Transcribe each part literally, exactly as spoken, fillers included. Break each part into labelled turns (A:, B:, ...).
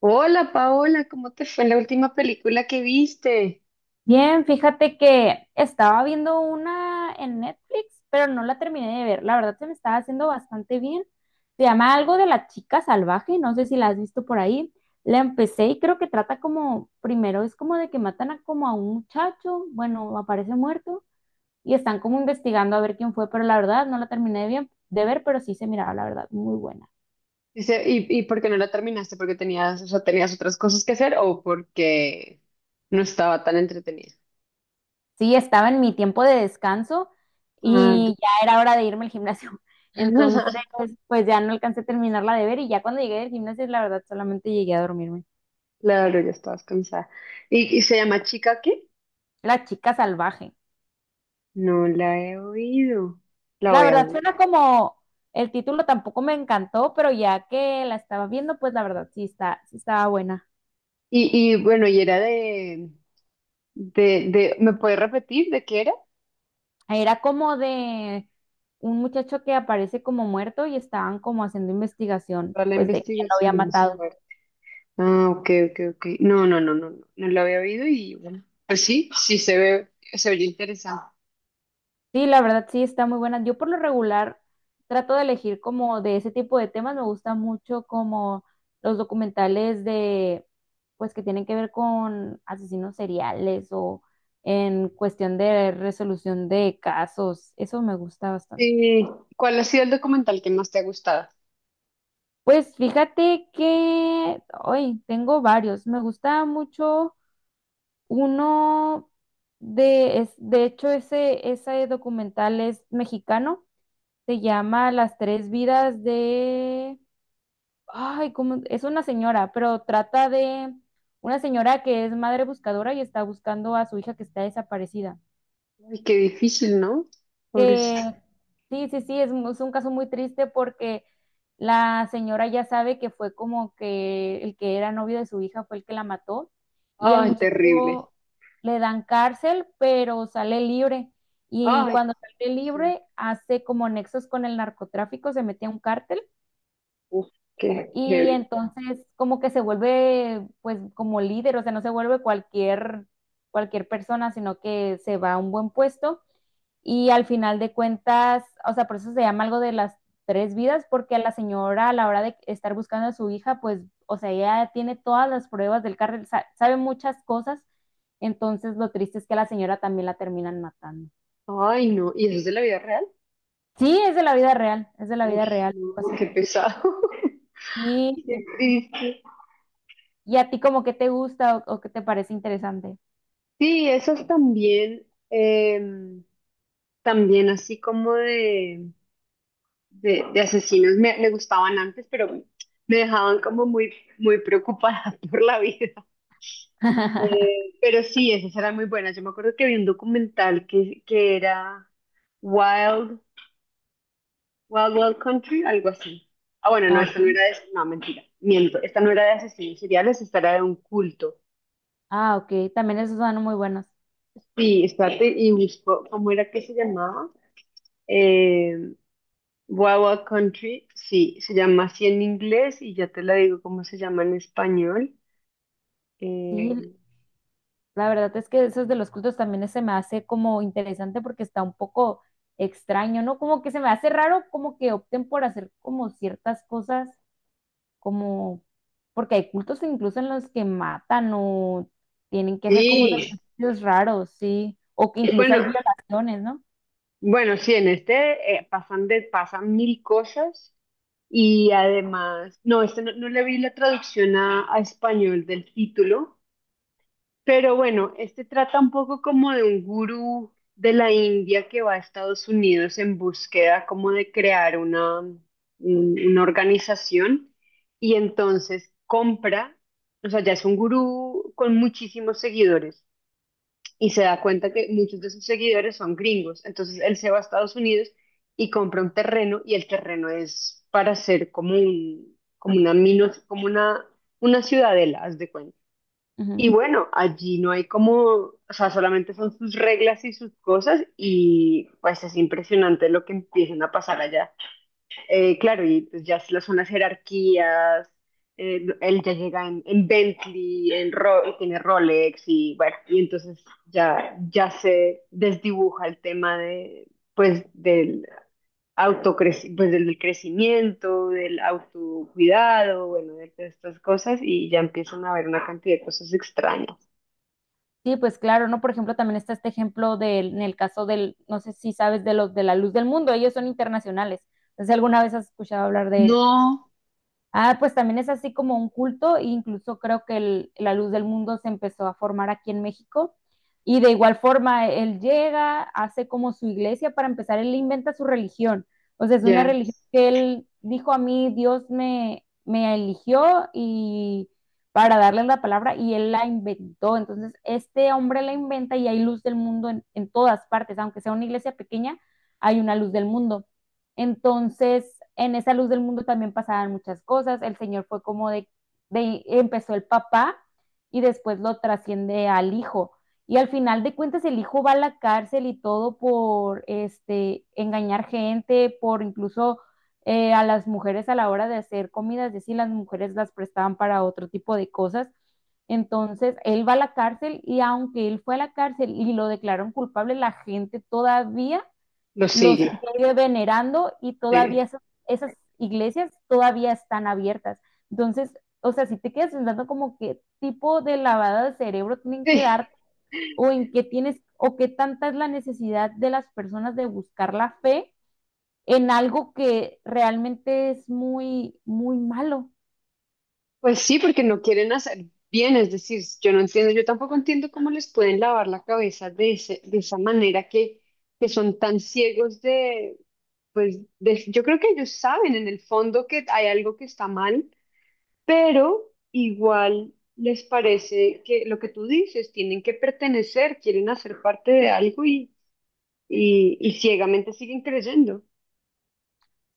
A: Hola Paola, ¿cómo te fue en la última película que viste?
B: Bien, fíjate que estaba viendo una en Netflix, pero no la terminé de ver. La verdad se me estaba haciendo bastante bien. Se llama algo de La Chica Salvaje, no sé si la has visto por ahí. La empecé y creo que trata como, primero es como de que matan a como a un muchacho, bueno, aparece muerto y están como investigando a ver quién fue, pero la verdad no la terminé de bien de ver, pero sí se miraba, la verdad, muy buena.
A: Dice, ¿y, y ¿por qué no la terminaste? ¿Porque tenías, o sea, tenías otras cosas que hacer o porque no estaba tan entretenida?
B: Sí, estaba en mi tiempo de descanso
A: Ah,
B: y ya era hora de irme al gimnasio. Entonces, pues ya no alcancé a terminarla de ver y ya cuando llegué del gimnasio, la verdad, solamente llegué a dormirme.
A: claro, ya estabas cansada. ¿Y, y se llama Chica qué?
B: La Chica Salvaje.
A: No la he oído. La
B: La
A: voy a
B: verdad,
A: ver.
B: suena como el título tampoco me encantó, pero ya que la estaba viendo, pues la verdad sí está, sí estaba buena.
A: Y, y bueno, y era de, de, de, ¿me puedes repetir de qué era?
B: Era como de un muchacho que aparece como muerto y estaban como haciendo investigación,
A: Toda la
B: pues de quién lo había
A: investigación de su...
B: matado.
A: Ah, ok, ok, ok. No, no, no, no, no, no lo había oído y bueno, pues sí, sí se ve, se ve interesante.
B: Sí, la verdad sí está muy buena. Yo por lo regular trato de elegir como de ese tipo de temas. Me gusta mucho como los documentales de, pues que tienen que ver con asesinos seriales o en cuestión de resolución de casos. Eso me gusta bastante.
A: Sí. ¿Cuál ha sido el documental que más te ha gustado?
B: Pues fíjate que hoy tengo varios. Me gusta mucho uno de, es, de hecho ese, ese documental es mexicano. Se llama Las Tres Vidas de... Ay, ¿cómo? Es una señora, pero trata de una señora que es madre buscadora y está buscando a su hija que está desaparecida.
A: Ay, qué difícil, ¿no? Pobrecito.
B: Que sí, sí, sí, es, mu- es un caso muy triste porque la señora ya sabe que fue como que el que era novio de su hija fue el que la mató y el
A: Ay, terrible.
B: muchacho le dan cárcel, pero sale libre. Y
A: Ay,
B: cuando sale
A: qué-
B: libre, hace como nexos con el narcotráfico, se mete a un cártel.
A: uf, qué
B: Y
A: heavy.
B: entonces como que se vuelve pues como líder, o sea, no se vuelve cualquier, cualquier persona, sino que se va a un buen puesto y al final de cuentas, o sea, por eso se llama algo de las tres vidas, porque a la señora a la hora de estar buscando a su hija, pues, o sea, ella tiene todas las pruebas del cartel, sa- sabe muchas cosas, entonces lo triste es que a la señora también la terminan matando.
A: Ay, no, ¿y eso es de la vida real?
B: Sí, es de la vida real, es de la vida
A: Uy,
B: real.
A: no,
B: Pasó.
A: qué pesado.
B: Sí,
A: Qué triste.
B: y a ti como que te gusta o o qué te parece interesante.
A: Sí, esas también, em, también así como de de, de asesinos me, me gustaban antes, pero me dejaban como muy, muy preocupada por la vida. Eh, pero sí, esas eran muy buenas. Yo me acuerdo que vi un documental que, que era Wild, Wild Wild Country, algo así. Ah, bueno, no,
B: Ah, ok.
A: esta no era de, no, mentira, miento, esta no era de asesinos seriales, esta era de un culto.
B: Ah, ok. También esos son muy buenos.
A: Sí, espérate, y busco, ¿cómo era que se llamaba? Eh, Wild Wild Country, sí, se llama así en inglés y ya te la digo cómo se llama en español.
B: Sí,
A: Eh,
B: el- la verdad es que esos de los cultos también se me hace como interesante porque está un poco extraño, ¿no? Como que se me hace raro como que opten por hacer como ciertas cosas, como porque hay cultos incluso en los que matan o tienen que hacer como
A: Sí,
B: sacrificios raros, sí, o que incluso
A: bueno,
B: hay violaciones, no.
A: bueno, sí, en este eh, pasan, de, pasan mil cosas y además, no, este no, no le vi la traducción a, a español del título, pero bueno, este trata un poco como de un gurú de la India que va a Estados Unidos en búsqueda como de crear una, un- una organización y entonces compra, o sea, ya es un gurú con muchísimos seguidores y se da cuenta que muchos de sus seguidores son gringos. Entonces él se va a Estados Unidos y compra un terreno y el terreno es para hacer como un, como una minos, como una, una ciudadela, haz de cuenta. Y bueno, allí no hay como, o sea, solamente son sus reglas y sus cosas y pues es impresionante lo que empiezan a pasar allá. Eh, claro, y pues ya lo son las unas jerarquías, eh, él ya llega en, en Bentley, en Ro- y tiene Rolex y bueno, y entonces ya, ya se desdibuja el tema de, pues, del autocreci- pues, del crecimiento, del autocuidado, bueno, de todas estas cosas y ya empiezan a haber una cantidad de cosas extrañas.
B: Sí, pues claro, ¿no? Por ejemplo, también está este ejemplo del, en el caso del, no sé si sabes de los de La Luz del Mundo, ellos son internacionales. No sé si alguna vez has escuchado hablar de,
A: No,
B: ah, pues también es así como un culto, e incluso creo que el- La Luz del Mundo se empezó a formar aquí en México. Y de igual forma, él llega, hace como su iglesia, para empezar, él inventa su religión. O sea, es una
A: ya,
B: religión que él dijo a mí, Dios me, me eligió y para darle la palabra y él la inventó. Entonces, este hombre la inventa y hay Luz del Mundo en en todas partes, aunque sea una iglesia pequeña, hay una Luz del Mundo. Entonces, en esa Luz del Mundo también pasaban muchas cosas. El señor fue como de, de empezó el papá y después lo trasciende al hijo. Y al final de cuentas el hijo va a la cárcel y todo por este engañar gente, por incluso eh, a las mujeres a la hora de hacer comidas, es decir, las mujeres las prestaban para otro tipo de cosas. Entonces, él va a la cárcel y aunque él fue a la cárcel y lo declararon culpable, la gente todavía
A: lo
B: los
A: sigue.
B: sigue venerando y
A: Sí.
B: todavía esas, esas iglesias todavía están abiertas. Entonces, o sea, si te quedas pensando como qué tipo de lavada de cerebro tienen que dar o en qué tienes o qué tanta es la necesidad de las personas de buscar la fe en algo que realmente es muy, muy malo.
A: Pues sí, porque no quieren hacer bien, es decir, yo no entiendo, yo tampoco entiendo cómo les pueden lavar la cabeza de ese, de esa manera que, que son tan ciegos de, pues de- yo creo que ellos saben en el fondo que hay algo que está mal, pero igual les parece que lo que tú dices, tienen que pertenecer, quieren hacer parte de algo y, y, y ciegamente siguen creyendo.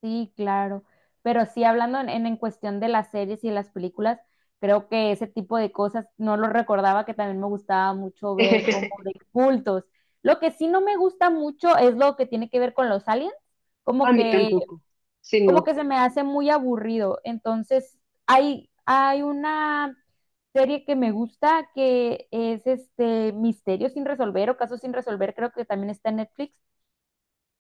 B: Sí, claro. Pero sí, hablando en, en, en cuestión de las series y las películas, creo que ese tipo de cosas no lo recordaba, que también me gustaba mucho ver como de cultos. Lo que sí no me gusta mucho es lo que tiene que ver con los aliens,
A: A
B: como
A: mí
B: que,
A: tampoco, sí,
B: como
A: no.
B: que se me hace muy aburrido. Entonces, hay, hay una serie que me gusta que es este Misterios sin Resolver o Casos sin Resolver, creo que también está en Netflix,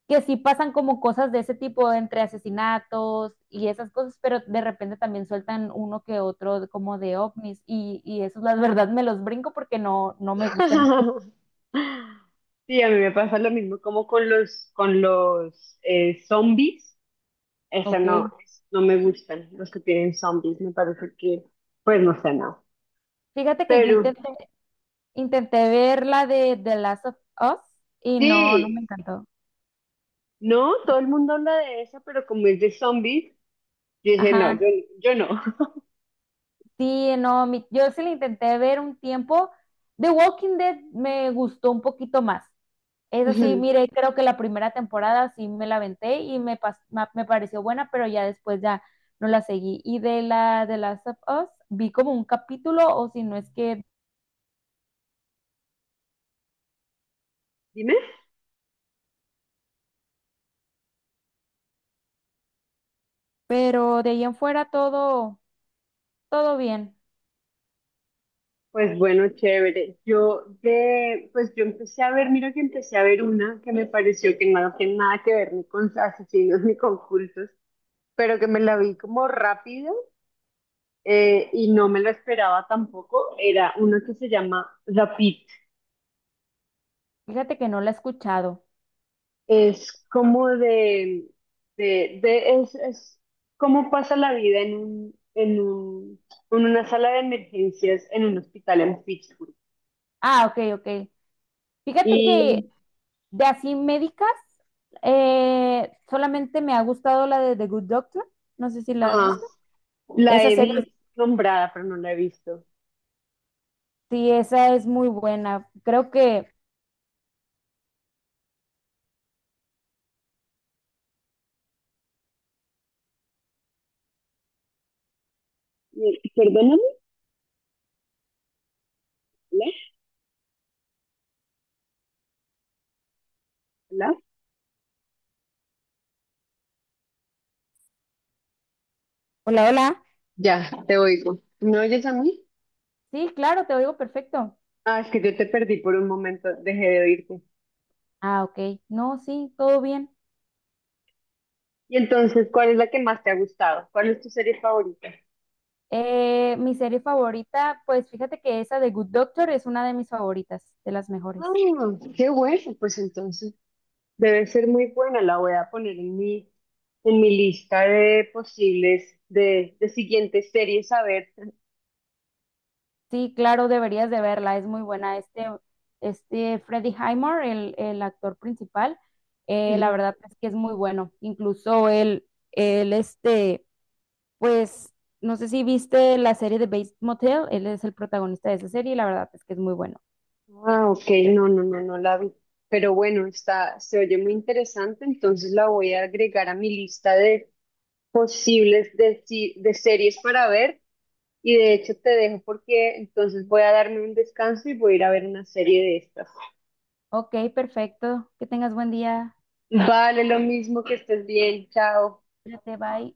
B: que sí pasan como cosas de ese tipo, entre asesinatos y esas cosas, pero de repente también sueltan uno que otro como de ovnis y, y eso la verdad me los brinco porque no, no me gustan.
A: Sí, a mí me pasa lo mismo como con los, con los eh, zombies. Esa no,
B: Ok.
A: es- no me gustan los que tienen zombies. Me parece que, pues no sé, no.
B: Fíjate que yo
A: Pero
B: intenté, intenté ver la de The Last of Us y no, no me
A: sí,
B: encantó.
A: no, todo el mundo habla de esa, pero como es de zombies, yo dije, no, yo,
B: Ajá.
A: yo no.
B: Sí, no, mi- yo sí le intenté ver un tiempo. The Walking Dead me gustó un poquito más. Es así,
A: Ujú.
B: mire, creo que la primera temporada sí me la aventé y me, pas- ma- me pareció buena, pero ya después ya no la seguí. Y de la de Last of Us vi como un capítulo, o si no es que,
A: Dime.
B: pero de ahí en fuera todo, todo bien.
A: Pues bueno, chévere. Yo de, pues yo empecé a ver, mira que empecé a ver una que me pareció que no tiene nada que ver ni con asesinos ni con cultos, pero que me la vi como rápido, eh, y no me lo esperaba tampoco, era uno que se llama Rapid.
B: Fíjate que no la he escuchado.
A: Es como de, de, de- es, es cómo pasa la vida en un, en un, en una sala de emergencias en un hospital en Pittsburgh.
B: Ah, ok, ok. Fíjate que
A: Y,
B: de así médicas, eh, solamente me ha gustado la de The Good Doctor. No sé si la has
A: ajá,
B: visto.
A: la
B: Esa
A: he
B: serie,
A: visto nombrada, pero no la he visto.
B: sí, esa es muy buena. Creo que.
A: Eh, Perdóname, ¿hola? ¿Hola?
B: Hola, hola.
A: Ya, te oigo. ¿Me oyes a mí?
B: Sí, claro, te oigo perfecto.
A: Ah, es que yo te perdí por un momento, dejé de oírte.
B: Ah, ok. No, sí, todo bien.
A: Y entonces, ¿cuál es la que más te ha gustado? ¿Cuál es tu serie favorita?
B: Eh, mi serie favorita, pues fíjate que esa de Good Doctor es una de mis favoritas, de las
A: Ah,
B: mejores.
A: qué bueno, pues entonces debe ser muy buena. La voy a poner en mi, en mi lista de posibles, de, de siguientes series a ver.
B: Sí, claro, deberías de verla, es muy buena. Este, este Freddie Highmore, el, el actor principal, eh, la
A: Ujú.
B: verdad es que es muy bueno. Incluso él, él, este, pues, no sé si viste la serie de Bates Motel, él es el protagonista de esa serie y la verdad es que es muy bueno.
A: Ah, ok, no, no, no, no la vi. Pero bueno, está, se oye muy interesante, entonces la voy a agregar a mi lista de posibles de, si- de series para ver. Y de hecho te dejo porque entonces voy a darme un descanso y voy a ir a ver una serie de estas.
B: Ok, perfecto, que tengas buen día.
A: Vale, lo mismo que estés bien, chao.
B: Cuídate, bye.